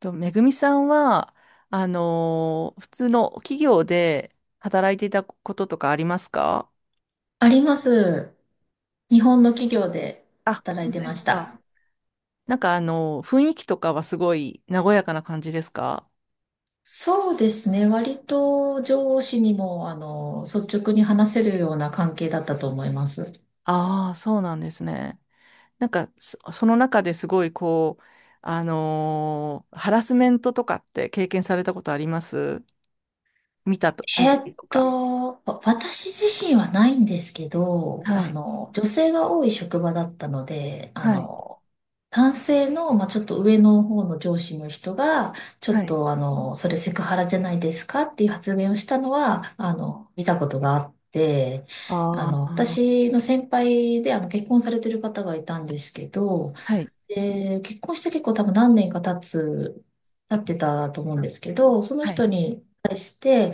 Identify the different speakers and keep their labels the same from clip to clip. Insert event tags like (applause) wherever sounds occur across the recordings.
Speaker 1: と、めぐみさんは、普通の企業で働いていたこととかありますか？
Speaker 2: あります。日本の企業で
Speaker 1: あ、
Speaker 2: 働い
Speaker 1: 本当
Speaker 2: て
Speaker 1: で
Speaker 2: ま
Speaker 1: す
Speaker 2: し
Speaker 1: か。
Speaker 2: た。
Speaker 1: なんか雰囲気とかはすごい和やかな感じですか？
Speaker 2: そうですね。割と上司にも、率直に話せるような関係だったと思います。
Speaker 1: ああー、そうなんですね。なんか、その中ですごいこう、ハラスメントとかって経験されたことあります？見たりとか。
Speaker 2: 私自身はないんですけど、
Speaker 1: はい。
Speaker 2: 女性が多い職場だったので、
Speaker 1: はい。
Speaker 2: 男性の、まあ、ちょっと上の方の上司の人が、ちょ
Speaker 1: は
Speaker 2: っ
Speaker 1: い。
Speaker 2: とそれセクハラじゃないですかっていう発言をしたのは、見たことがあって、
Speaker 1: ああ、
Speaker 2: 私の先輩で結婚されてる方がいたんですけど、
Speaker 1: はい。
Speaker 2: で、結婚して結構多分何年か経ってたと思うんですけど、その
Speaker 1: はい。
Speaker 2: 人に対して、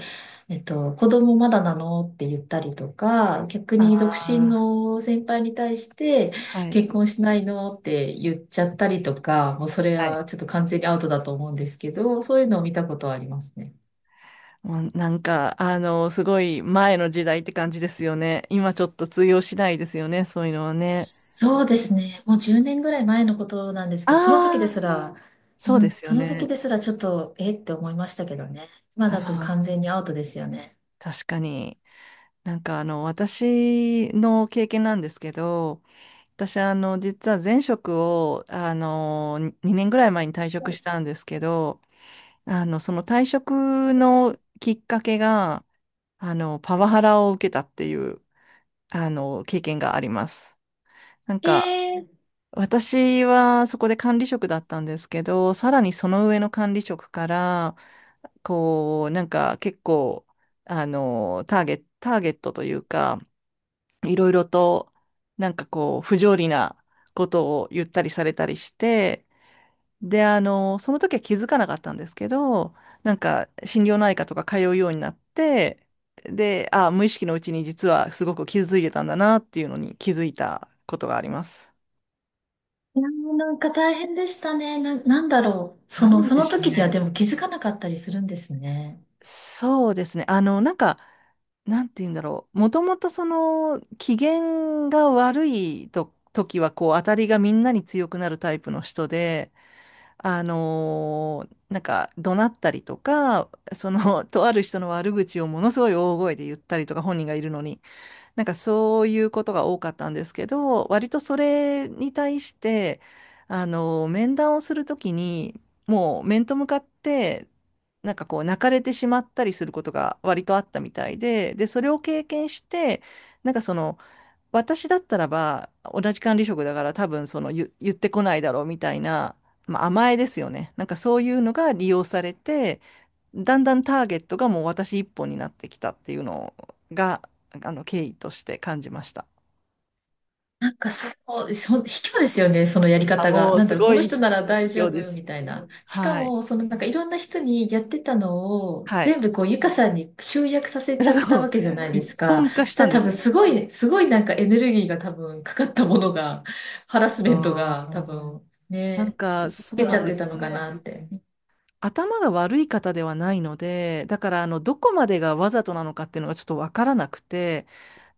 Speaker 2: 子供まだなのって言ったりとか、逆
Speaker 1: あ
Speaker 2: に独身
Speaker 1: あ、
Speaker 2: の先輩に対して、
Speaker 1: はい。
Speaker 2: 結婚しないのって言っちゃったりとか、もうそれ
Speaker 1: はい。
Speaker 2: はちょっと完全にアウトだと思うんですけど、そういうのを見たことはありますね。
Speaker 1: もうなんか、あの、すごい前の時代って感じですよね。今ちょっと通用しないですよね、そういうのはね。
Speaker 2: そうですね。もう10年ぐらい前のことなんですけど、その時で
Speaker 1: あ
Speaker 2: す
Speaker 1: あ、
Speaker 2: ら、う
Speaker 1: そうで
Speaker 2: ん、
Speaker 1: すよ
Speaker 2: その時
Speaker 1: ね。
Speaker 2: ですらちょっと、えって思いましたけどね。今だと
Speaker 1: あ
Speaker 2: 完
Speaker 1: あ、
Speaker 2: 全にアウトですよね。
Speaker 1: 確かに。なんかあの、私の経験なんですけど、私あの、実は前職を、あの、2年ぐらい前に退職したんですけど、あの、その退職のきっかけが、あの、パワハラを受けたっていう、あの、経験があります。なん
Speaker 2: え
Speaker 1: か、
Speaker 2: ー、い
Speaker 1: 私はそこで管理職だったんですけど、さらにその上の管理職から、こう、なんか結構、あの、ターゲットというか、いろいろと、なんかこう、不条理なことを言ったりされたりして、で、あの、その時は気づかなかったんですけど、なんか心療内科とか通うようになって、で、あ、無意識のうちに実はすごく傷ついてたんだなっていうのに気づいたことがあります。
Speaker 2: やなんか大変でしたね。なんだろう。
Speaker 1: なん
Speaker 2: そ
Speaker 1: で
Speaker 2: の
Speaker 1: しょう
Speaker 2: 時には
Speaker 1: ね。
Speaker 2: でも気づかなかったりするんですね。
Speaker 1: そうですね。あの、なんか、なんて言うんだろう。もともとその、機嫌が悪いと、時は、こう、当たりがみんなに強くなるタイプの人で、なんか、怒鳴ったりとか、その、(laughs) とある人の悪口をものすごい大声で言ったりとか、本人がいるのに。なんかそういうことが多かったんですけど、割とそれに対して、あの、面談をするときに、もう面と向かって、なんかこう泣かれてしまったりすることが割とあったみたいで、で、それを経験して、なんかその、私だったらば、同じ管理職だから多分その言ってこないだろうみたいな、まあ、甘えですよね。なんかそういうのが利用されて、だんだんターゲットがもう私一本になってきたっていうのが、あの、経緯として感じました。
Speaker 2: なんか卑怯ですよね、そのやり
Speaker 1: あ、
Speaker 2: 方が。
Speaker 1: もう
Speaker 2: なん
Speaker 1: す
Speaker 2: だろう、
Speaker 1: ご
Speaker 2: この
Speaker 1: い
Speaker 2: 人なら大
Speaker 1: 今
Speaker 2: 丈
Speaker 1: 日で
Speaker 2: 夫
Speaker 1: す。
Speaker 2: みたいな。しか
Speaker 1: はい。
Speaker 2: も、そのなんかいろんな人にやってたのを
Speaker 1: はい。
Speaker 2: 全部こう、ゆかさんに集約さ
Speaker 1: (laughs)
Speaker 2: せち
Speaker 1: だ
Speaker 2: ゃったわ
Speaker 1: う
Speaker 2: けじゃないで
Speaker 1: 一
Speaker 2: すか。
Speaker 1: 本化
Speaker 2: そし
Speaker 1: した
Speaker 2: た
Speaker 1: ん
Speaker 2: ら
Speaker 1: で
Speaker 2: 多
Speaker 1: す
Speaker 2: 分
Speaker 1: よ。
Speaker 2: すごいなんかエネルギーが多分かかったものが、ハラスメント
Speaker 1: あ
Speaker 2: が多
Speaker 1: ー、
Speaker 2: 分
Speaker 1: なん
Speaker 2: ね、
Speaker 1: か、そ
Speaker 2: 受
Speaker 1: う
Speaker 2: けち
Speaker 1: なん
Speaker 2: ゃっ
Speaker 1: で
Speaker 2: て
Speaker 1: す
Speaker 2: たの
Speaker 1: よ
Speaker 2: か
Speaker 1: ね。
Speaker 2: なって。
Speaker 1: 頭が悪い方ではないので、だから、あの、どこまでがわざとなのかっていうのがちょっとわからなくて、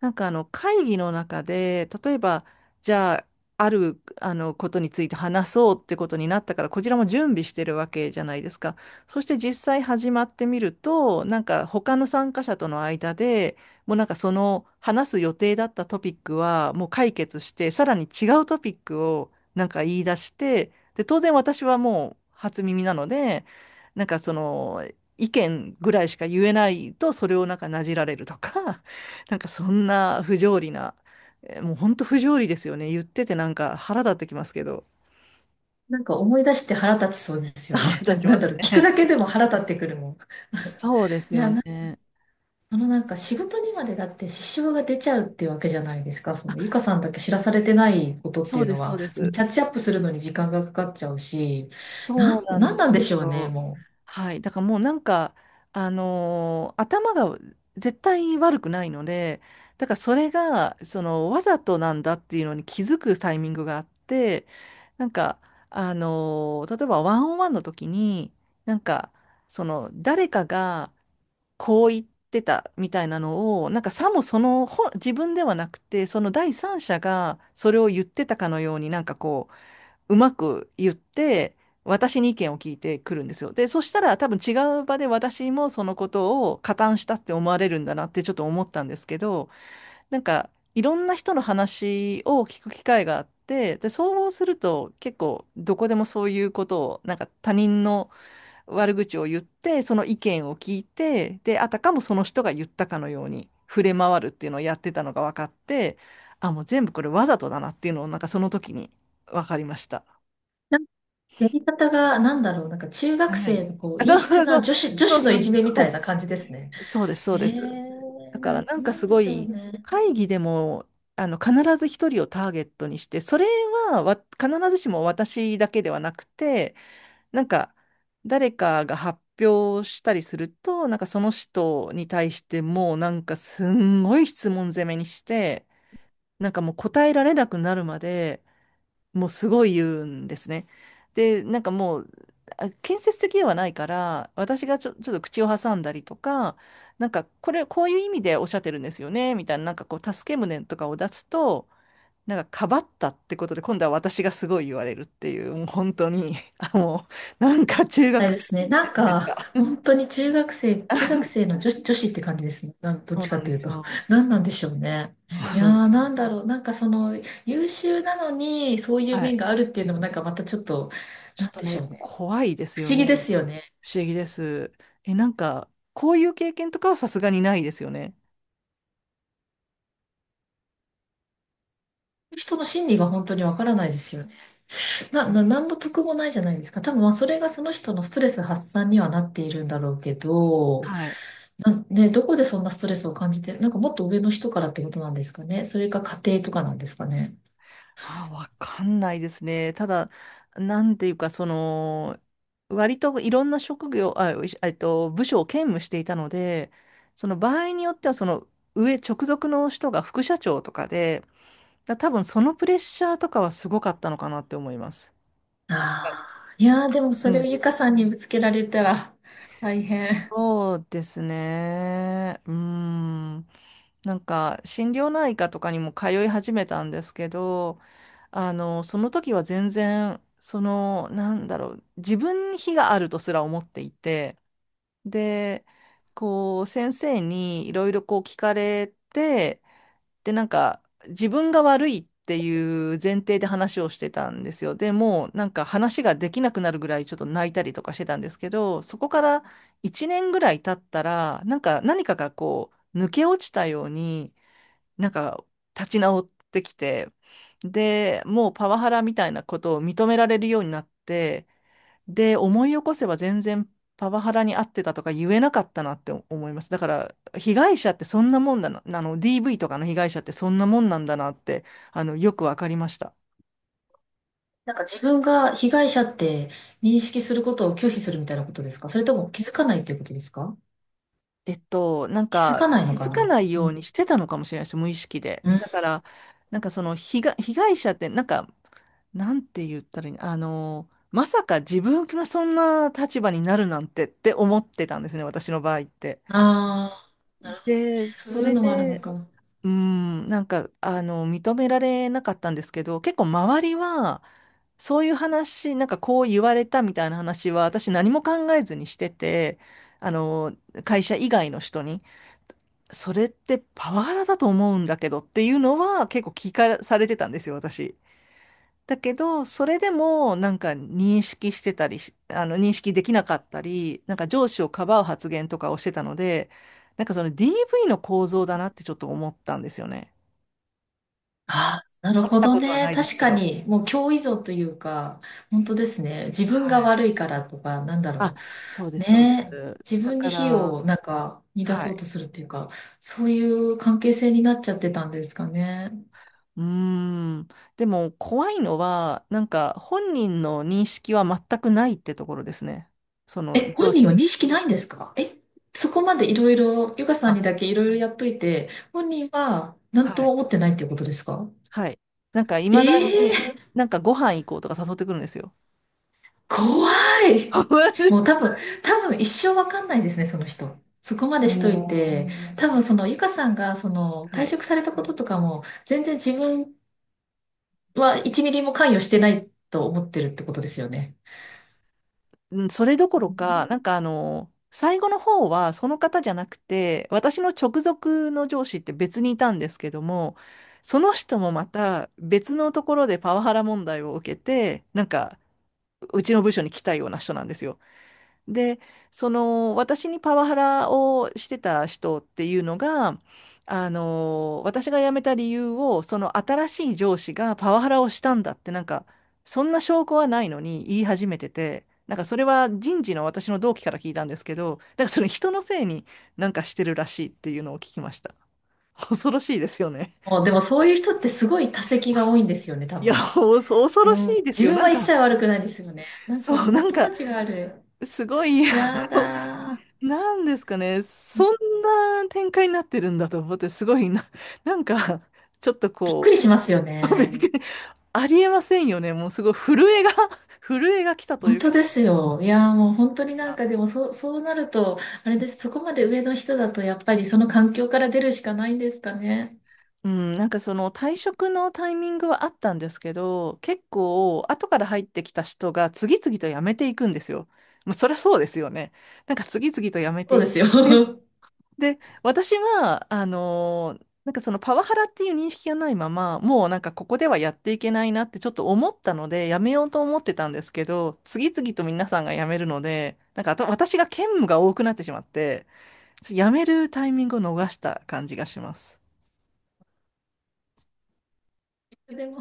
Speaker 1: なんかあの会議の中で、例えば、じゃあ、あるあのことについて話そうってことになったから、こちらも準備してるわけじゃないですか。そして実際始まってみると、なんか他の参加者との間で、もうなんかその話す予定だったトピックはもう解決して、さらに違うトピックをなんか言い出して、で、当然私はもう初耳なので、なんかその意見ぐらいしか言えないと、それをなんかなじられるとか。なんかそんな不条理な、えーもう本当不条理ですよね。言っててなんか腹立ってきますけど。
Speaker 2: なんか思い出して腹立ちそうですよ
Speaker 1: (laughs)
Speaker 2: ね。
Speaker 1: 腹
Speaker 2: な
Speaker 1: 立
Speaker 2: んか
Speaker 1: ち
Speaker 2: な
Speaker 1: ま
Speaker 2: んだ
Speaker 1: す
Speaker 2: ろう、聞く
Speaker 1: ね。
Speaker 2: だけでも腹立ってくるもん。
Speaker 1: (laughs) そうです
Speaker 2: い
Speaker 1: よ
Speaker 2: や、
Speaker 1: ね。
Speaker 2: あのなんか仕事にまでだって支障が出ちゃうっていうわけじゃないですか。そのゆかさんだけ知らされてないことっ
Speaker 1: そ
Speaker 2: てい
Speaker 1: う
Speaker 2: う
Speaker 1: で
Speaker 2: の
Speaker 1: す、そう
Speaker 2: は、
Speaker 1: で
Speaker 2: その
Speaker 1: す。
Speaker 2: キャッチアップするのに時間がかかっちゃうし、
Speaker 1: そうな
Speaker 2: なん
Speaker 1: んで
Speaker 2: なんでし
Speaker 1: す
Speaker 2: ょうね、
Speaker 1: よ。
Speaker 2: もう。
Speaker 1: はい。だからもうなんか、頭が絶対悪くないので、だからそれが、その、わざとなんだっていうのに気づくタイミングがあって、なんか、例えばワンオンワンの時に、なんか、その、誰かが、こう言ってたみたいなのを、なんかさもその本、自分ではなくて、その第三者がそれを言ってたかのように、なんかこう、うまく言って、私に意見を聞いてくるんですよ。で、そしたら多分違う場で私もそのことを加担したって思われるんだなってちょっと思ったんですけど、なんかいろんな人の話を聞く機会があって、で、そうすると結構どこでもそういうことを、なんか他人の悪口を言って、その意見を聞いて、で、あたかもその人が言ったかのように触れ回るっていうのをやってたのが分かって、あ、もう全部これわざとだなっていうのをなんかその時に分かりました。
Speaker 2: なんかやり方が、なんだろう、なんか中
Speaker 1: あ
Speaker 2: 学
Speaker 1: ない。
Speaker 2: 生のこう、
Speaker 1: あ、そ
Speaker 2: 陰湿
Speaker 1: うそ
Speaker 2: な
Speaker 1: う、
Speaker 2: 女
Speaker 1: そ
Speaker 2: 子
Speaker 1: う
Speaker 2: の
Speaker 1: そ
Speaker 2: い
Speaker 1: う
Speaker 2: じめみ
Speaker 1: そ
Speaker 2: たいな感
Speaker 1: う、
Speaker 2: じですね。
Speaker 1: そうです、そ
Speaker 2: え
Speaker 1: うです。だ
Speaker 2: ー、
Speaker 1: からなんか
Speaker 2: なん
Speaker 1: す
Speaker 2: で
Speaker 1: ご
Speaker 2: しょう
Speaker 1: い
Speaker 2: ね。
Speaker 1: 会議でもあの必ず一人をターゲットにして、それはわ必ずしも私だけではなくて、なんか、誰かが発表したりすると、なんかその人に対してもうなんかすんごい質問攻めにして、なんかもう答えられなくなるまでもうすごい言うんですね。で、なんかもう、あ建設的ではないから、私がちょっと口を挟んだりとか、こういう意味でおっしゃってるんですよね、みたいな、なんかこう、助け舟とかを出すと、なんか、かばったってことで、今度は私がすごい言われるっていう、もう本当に、あもうなんか中
Speaker 2: は
Speaker 1: 学
Speaker 2: いで
Speaker 1: 生
Speaker 2: すね。なん
Speaker 1: みたい
Speaker 2: か、
Speaker 1: なレベルが、
Speaker 2: 本当に中学生の女子って感じですね。なん、どっ
Speaker 1: そう
Speaker 2: ち
Speaker 1: な
Speaker 2: か
Speaker 1: ん
Speaker 2: と
Speaker 1: で
Speaker 2: いう
Speaker 1: す
Speaker 2: と。
Speaker 1: よ。
Speaker 2: (laughs) 何なんでしょうね。いや
Speaker 1: う
Speaker 2: ー、
Speaker 1: ん。
Speaker 2: なんだろう。なんかその、優秀なのに、そういう
Speaker 1: は
Speaker 2: 面
Speaker 1: い。
Speaker 2: があるっていうのも、なんかまたちょっと、
Speaker 1: ちょ
Speaker 2: な
Speaker 1: っ
Speaker 2: ん
Speaker 1: と
Speaker 2: でし
Speaker 1: ね、
Speaker 2: ょうね。
Speaker 1: 怖いです
Speaker 2: 不
Speaker 1: よ
Speaker 2: 思議で
Speaker 1: ね。
Speaker 2: すよね。
Speaker 1: 不思議です。え、なんか、こういう経験とかはさすがにないですよね。
Speaker 2: 人の心理が本当にわからないですよね。
Speaker 1: うん。
Speaker 2: 何の得もないじゃないですか。多分、まあ、それがその人のストレス発散にはなっているんだろうけど、
Speaker 1: はい。
Speaker 2: な、ね、どこでそんなストレスを感じてなんかもっと上の人からってことなんですかね。それか家庭とかなんですかね。
Speaker 1: あ、わかんないですね。ただ、なんていうか、その、割といろんな職業、あ、いえっと、部署を兼務していたので、その場合によっては、その上、直属の人が副社長とかで、だ多分そのプレッシャーとかはすごかったのかなって思います。
Speaker 2: ああ、いやー、でも
Speaker 1: う
Speaker 2: それを
Speaker 1: ん。
Speaker 2: ゆかさんにぶつけられたら大変。
Speaker 1: そうですね。うーん。なんか心療内科とかにも通い始めたんですけど、あの、その時は全然、その、なんだろう、自分に非があるとすら思っていて、で、こう、先生にいろいろこう聞かれて、で、なんか、自分が悪いっていう前提で話をしてたんですよ。でもう、なんか話ができなくなるぐらいちょっと泣いたりとかしてたんですけど、そこから1年ぐらい経ったら、なんか何かがこう、抜け落ちたように、なんか立ち直ってきて、で、もうパワハラみたいなことを認められるようになって、で、思い起こせば全然パワハラに遭ってたとか言えなかったなって思います。だから、被害者ってそんなもんだな、あの、DV とかの被害者ってそんなもんなんだなって、あの、よくわかりました。
Speaker 2: なんか自分が被害者って認識することを拒否するみたいなことですか？それとも気づかないっていうことですか？
Speaker 1: えっと、なん
Speaker 2: 気づ
Speaker 1: か
Speaker 2: かない
Speaker 1: 気
Speaker 2: のか
Speaker 1: づか
Speaker 2: な。
Speaker 1: ない
Speaker 2: う
Speaker 1: よう
Speaker 2: ん。
Speaker 1: にしてたのかもしれないです、無意識で。
Speaker 2: うん。あ
Speaker 1: だから、被害者って、なんか、なんて言ったらいいの、あの、まさか自分がそんな立場になるなんてって思ってたんですね、私の場合って。
Speaker 2: あ、なるほどね。
Speaker 1: で、
Speaker 2: そう
Speaker 1: そ
Speaker 2: いう
Speaker 1: れ
Speaker 2: のもあるの
Speaker 1: で、
Speaker 2: かな。
Speaker 1: うん、なんか、あの、認められなかったんですけど、結構周りは、そういう話、なんかこう言われたみたいな話は、私何も考えずにしてて、あの、会社以外の人に。それってパワハラだと思うんだけどっていうのは結構聞かされてたんですよ、私。だけど、それでもなんか認識してたりし、あの認識できなかったり、なんか上司をかばう発言とかをしてたので、なんかその DV の構造だなってちょっと思ったんですよね。
Speaker 2: ああ、なる
Speaker 1: 会っ
Speaker 2: ほ
Speaker 1: た
Speaker 2: ど
Speaker 1: ことはな
Speaker 2: ね。
Speaker 1: いです
Speaker 2: 確
Speaker 1: け
Speaker 2: か
Speaker 1: ど。
Speaker 2: に、もう共依存というか、本当ですね。自分が
Speaker 1: はい。
Speaker 2: 悪いからとか、なんだ
Speaker 1: あ、
Speaker 2: ろ
Speaker 1: そうで
Speaker 2: う。
Speaker 1: す、そうで
Speaker 2: ねえ、
Speaker 1: す。
Speaker 2: 自
Speaker 1: だ
Speaker 2: 分
Speaker 1: か
Speaker 2: に火を
Speaker 1: ら、
Speaker 2: なんか逃出
Speaker 1: は
Speaker 2: そう
Speaker 1: い。
Speaker 2: とするっていうか、そういう関係性になっちゃってたんですかね。
Speaker 1: うーん。でも怖いのは、なんか本人の認識は全くないってところですね。その
Speaker 2: え、
Speaker 1: 上
Speaker 2: 本人
Speaker 1: 司
Speaker 2: は
Speaker 1: に。
Speaker 2: 認識ないんですか？え、そこまでいろいろ、ゆかさん
Speaker 1: あ、
Speaker 2: にだけいろいろやっといて、本人は何
Speaker 1: は
Speaker 2: とも
Speaker 1: い。
Speaker 2: 思ってないっていうことですか？
Speaker 1: はい。なんかい
Speaker 2: え
Speaker 1: まだ
Speaker 2: え
Speaker 1: に、
Speaker 2: ー、
Speaker 1: なんかご飯行こうとか誘ってくるんですよ。
Speaker 2: 怖
Speaker 1: (laughs)
Speaker 2: い。
Speaker 1: マ
Speaker 2: もう多
Speaker 1: ジ
Speaker 2: 分、多分一生わかんないですね、その人。そこまで
Speaker 1: お
Speaker 2: しといて、
Speaker 1: ー
Speaker 2: 多分そのゆかさんがその
Speaker 1: は
Speaker 2: 退
Speaker 1: い。
Speaker 2: 職されたこととかも全然自分は1ミリも関与してないと思ってるってことですよね。
Speaker 1: うん、それどころか、なんかあの、最後の方はその方じゃなくて、私の直属の上司って別にいたんですけども、その人もまた別のところでパワハラ問題を受けて、なんかうちの部署に来たような人なんですよ。で、その私にパワハラをしてた人っていうのが、あの、私が辞めた理由を、その新しい上司がパワハラをしたんだって、なんか、そんな証拠はないのに言い始めてて、なんかそれは人事の私の同期から聞いたんですけど、なんかその人のせいになんかしてるらしいっていうのを聞きました。恐ろしいですよね。
Speaker 2: あ、でもそういう人ってすごい多責が多いんですよね、多
Speaker 1: いや、
Speaker 2: 分。
Speaker 1: お恐
Speaker 2: う
Speaker 1: ろし
Speaker 2: ん。
Speaker 1: いです
Speaker 2: 自
Speaker 1: よ。
Speaker 2: 分
Speaker 1: な
Speaker 2: は
Speaker 1: ん
Speaker 2: 一切
Speaker 1: か、
Speaker 2: 悪くないですよね。なんかもう
Speaker 1: そう、な
Speaker 2: 本
Speaker 1: ん
Speaker 2: 当
Speaker 1: か、
Speaker 2: たちがある。
Speaker 1: すごい、あ
Speaker 2: や
Speaker 1: の
Speaker 2: だー。
Speaker 1: なんですかね、そんな展開になってるんだと思って、すごいな、(laughs) なんか、ちょっと
Speaker 2: びっく
Speaker 1: こ
Speaker 2: りしますよ
Speaker 1: う、(laughs) びっ
Speaker 2: ね。
Speaker 1: くりありえませんよね、もうすごい震えが (laughs) 震えが来たとい
Speaker 2: 本
Speaker 1: うか、
Speaker 2: 当ですよ。いやーもう本当になんかでもそうなると、あれです。そこまで上の人だとやっぱりその環境から出るしかないんですかね。
Speaker 1: うん、なんかその退職のタイミングはあったんですけど、結構、後から入ってきた人が次々と辞めていくんですよ。まあ、そりゃそうですよね。なんか次々と辞め
Speaker 2: そ
Speaker 1: て
Speaker 2: う
Speaker 1: いっ
Speaker 2: で
Speaker 1: て
Speaker 2: すよ。(laughs)
Speaker 1: で、私は、なんかそのパワハラっていう認識がないまま、もうなんかここではやっていけないなってちょっと思ったので、やめようと思ってたんですけど、次々と皆さんが辞めるので、なんかあと私が兼務が多くなってしまって、やめるタイミングを逃した感じがします。
Speaker 2: でも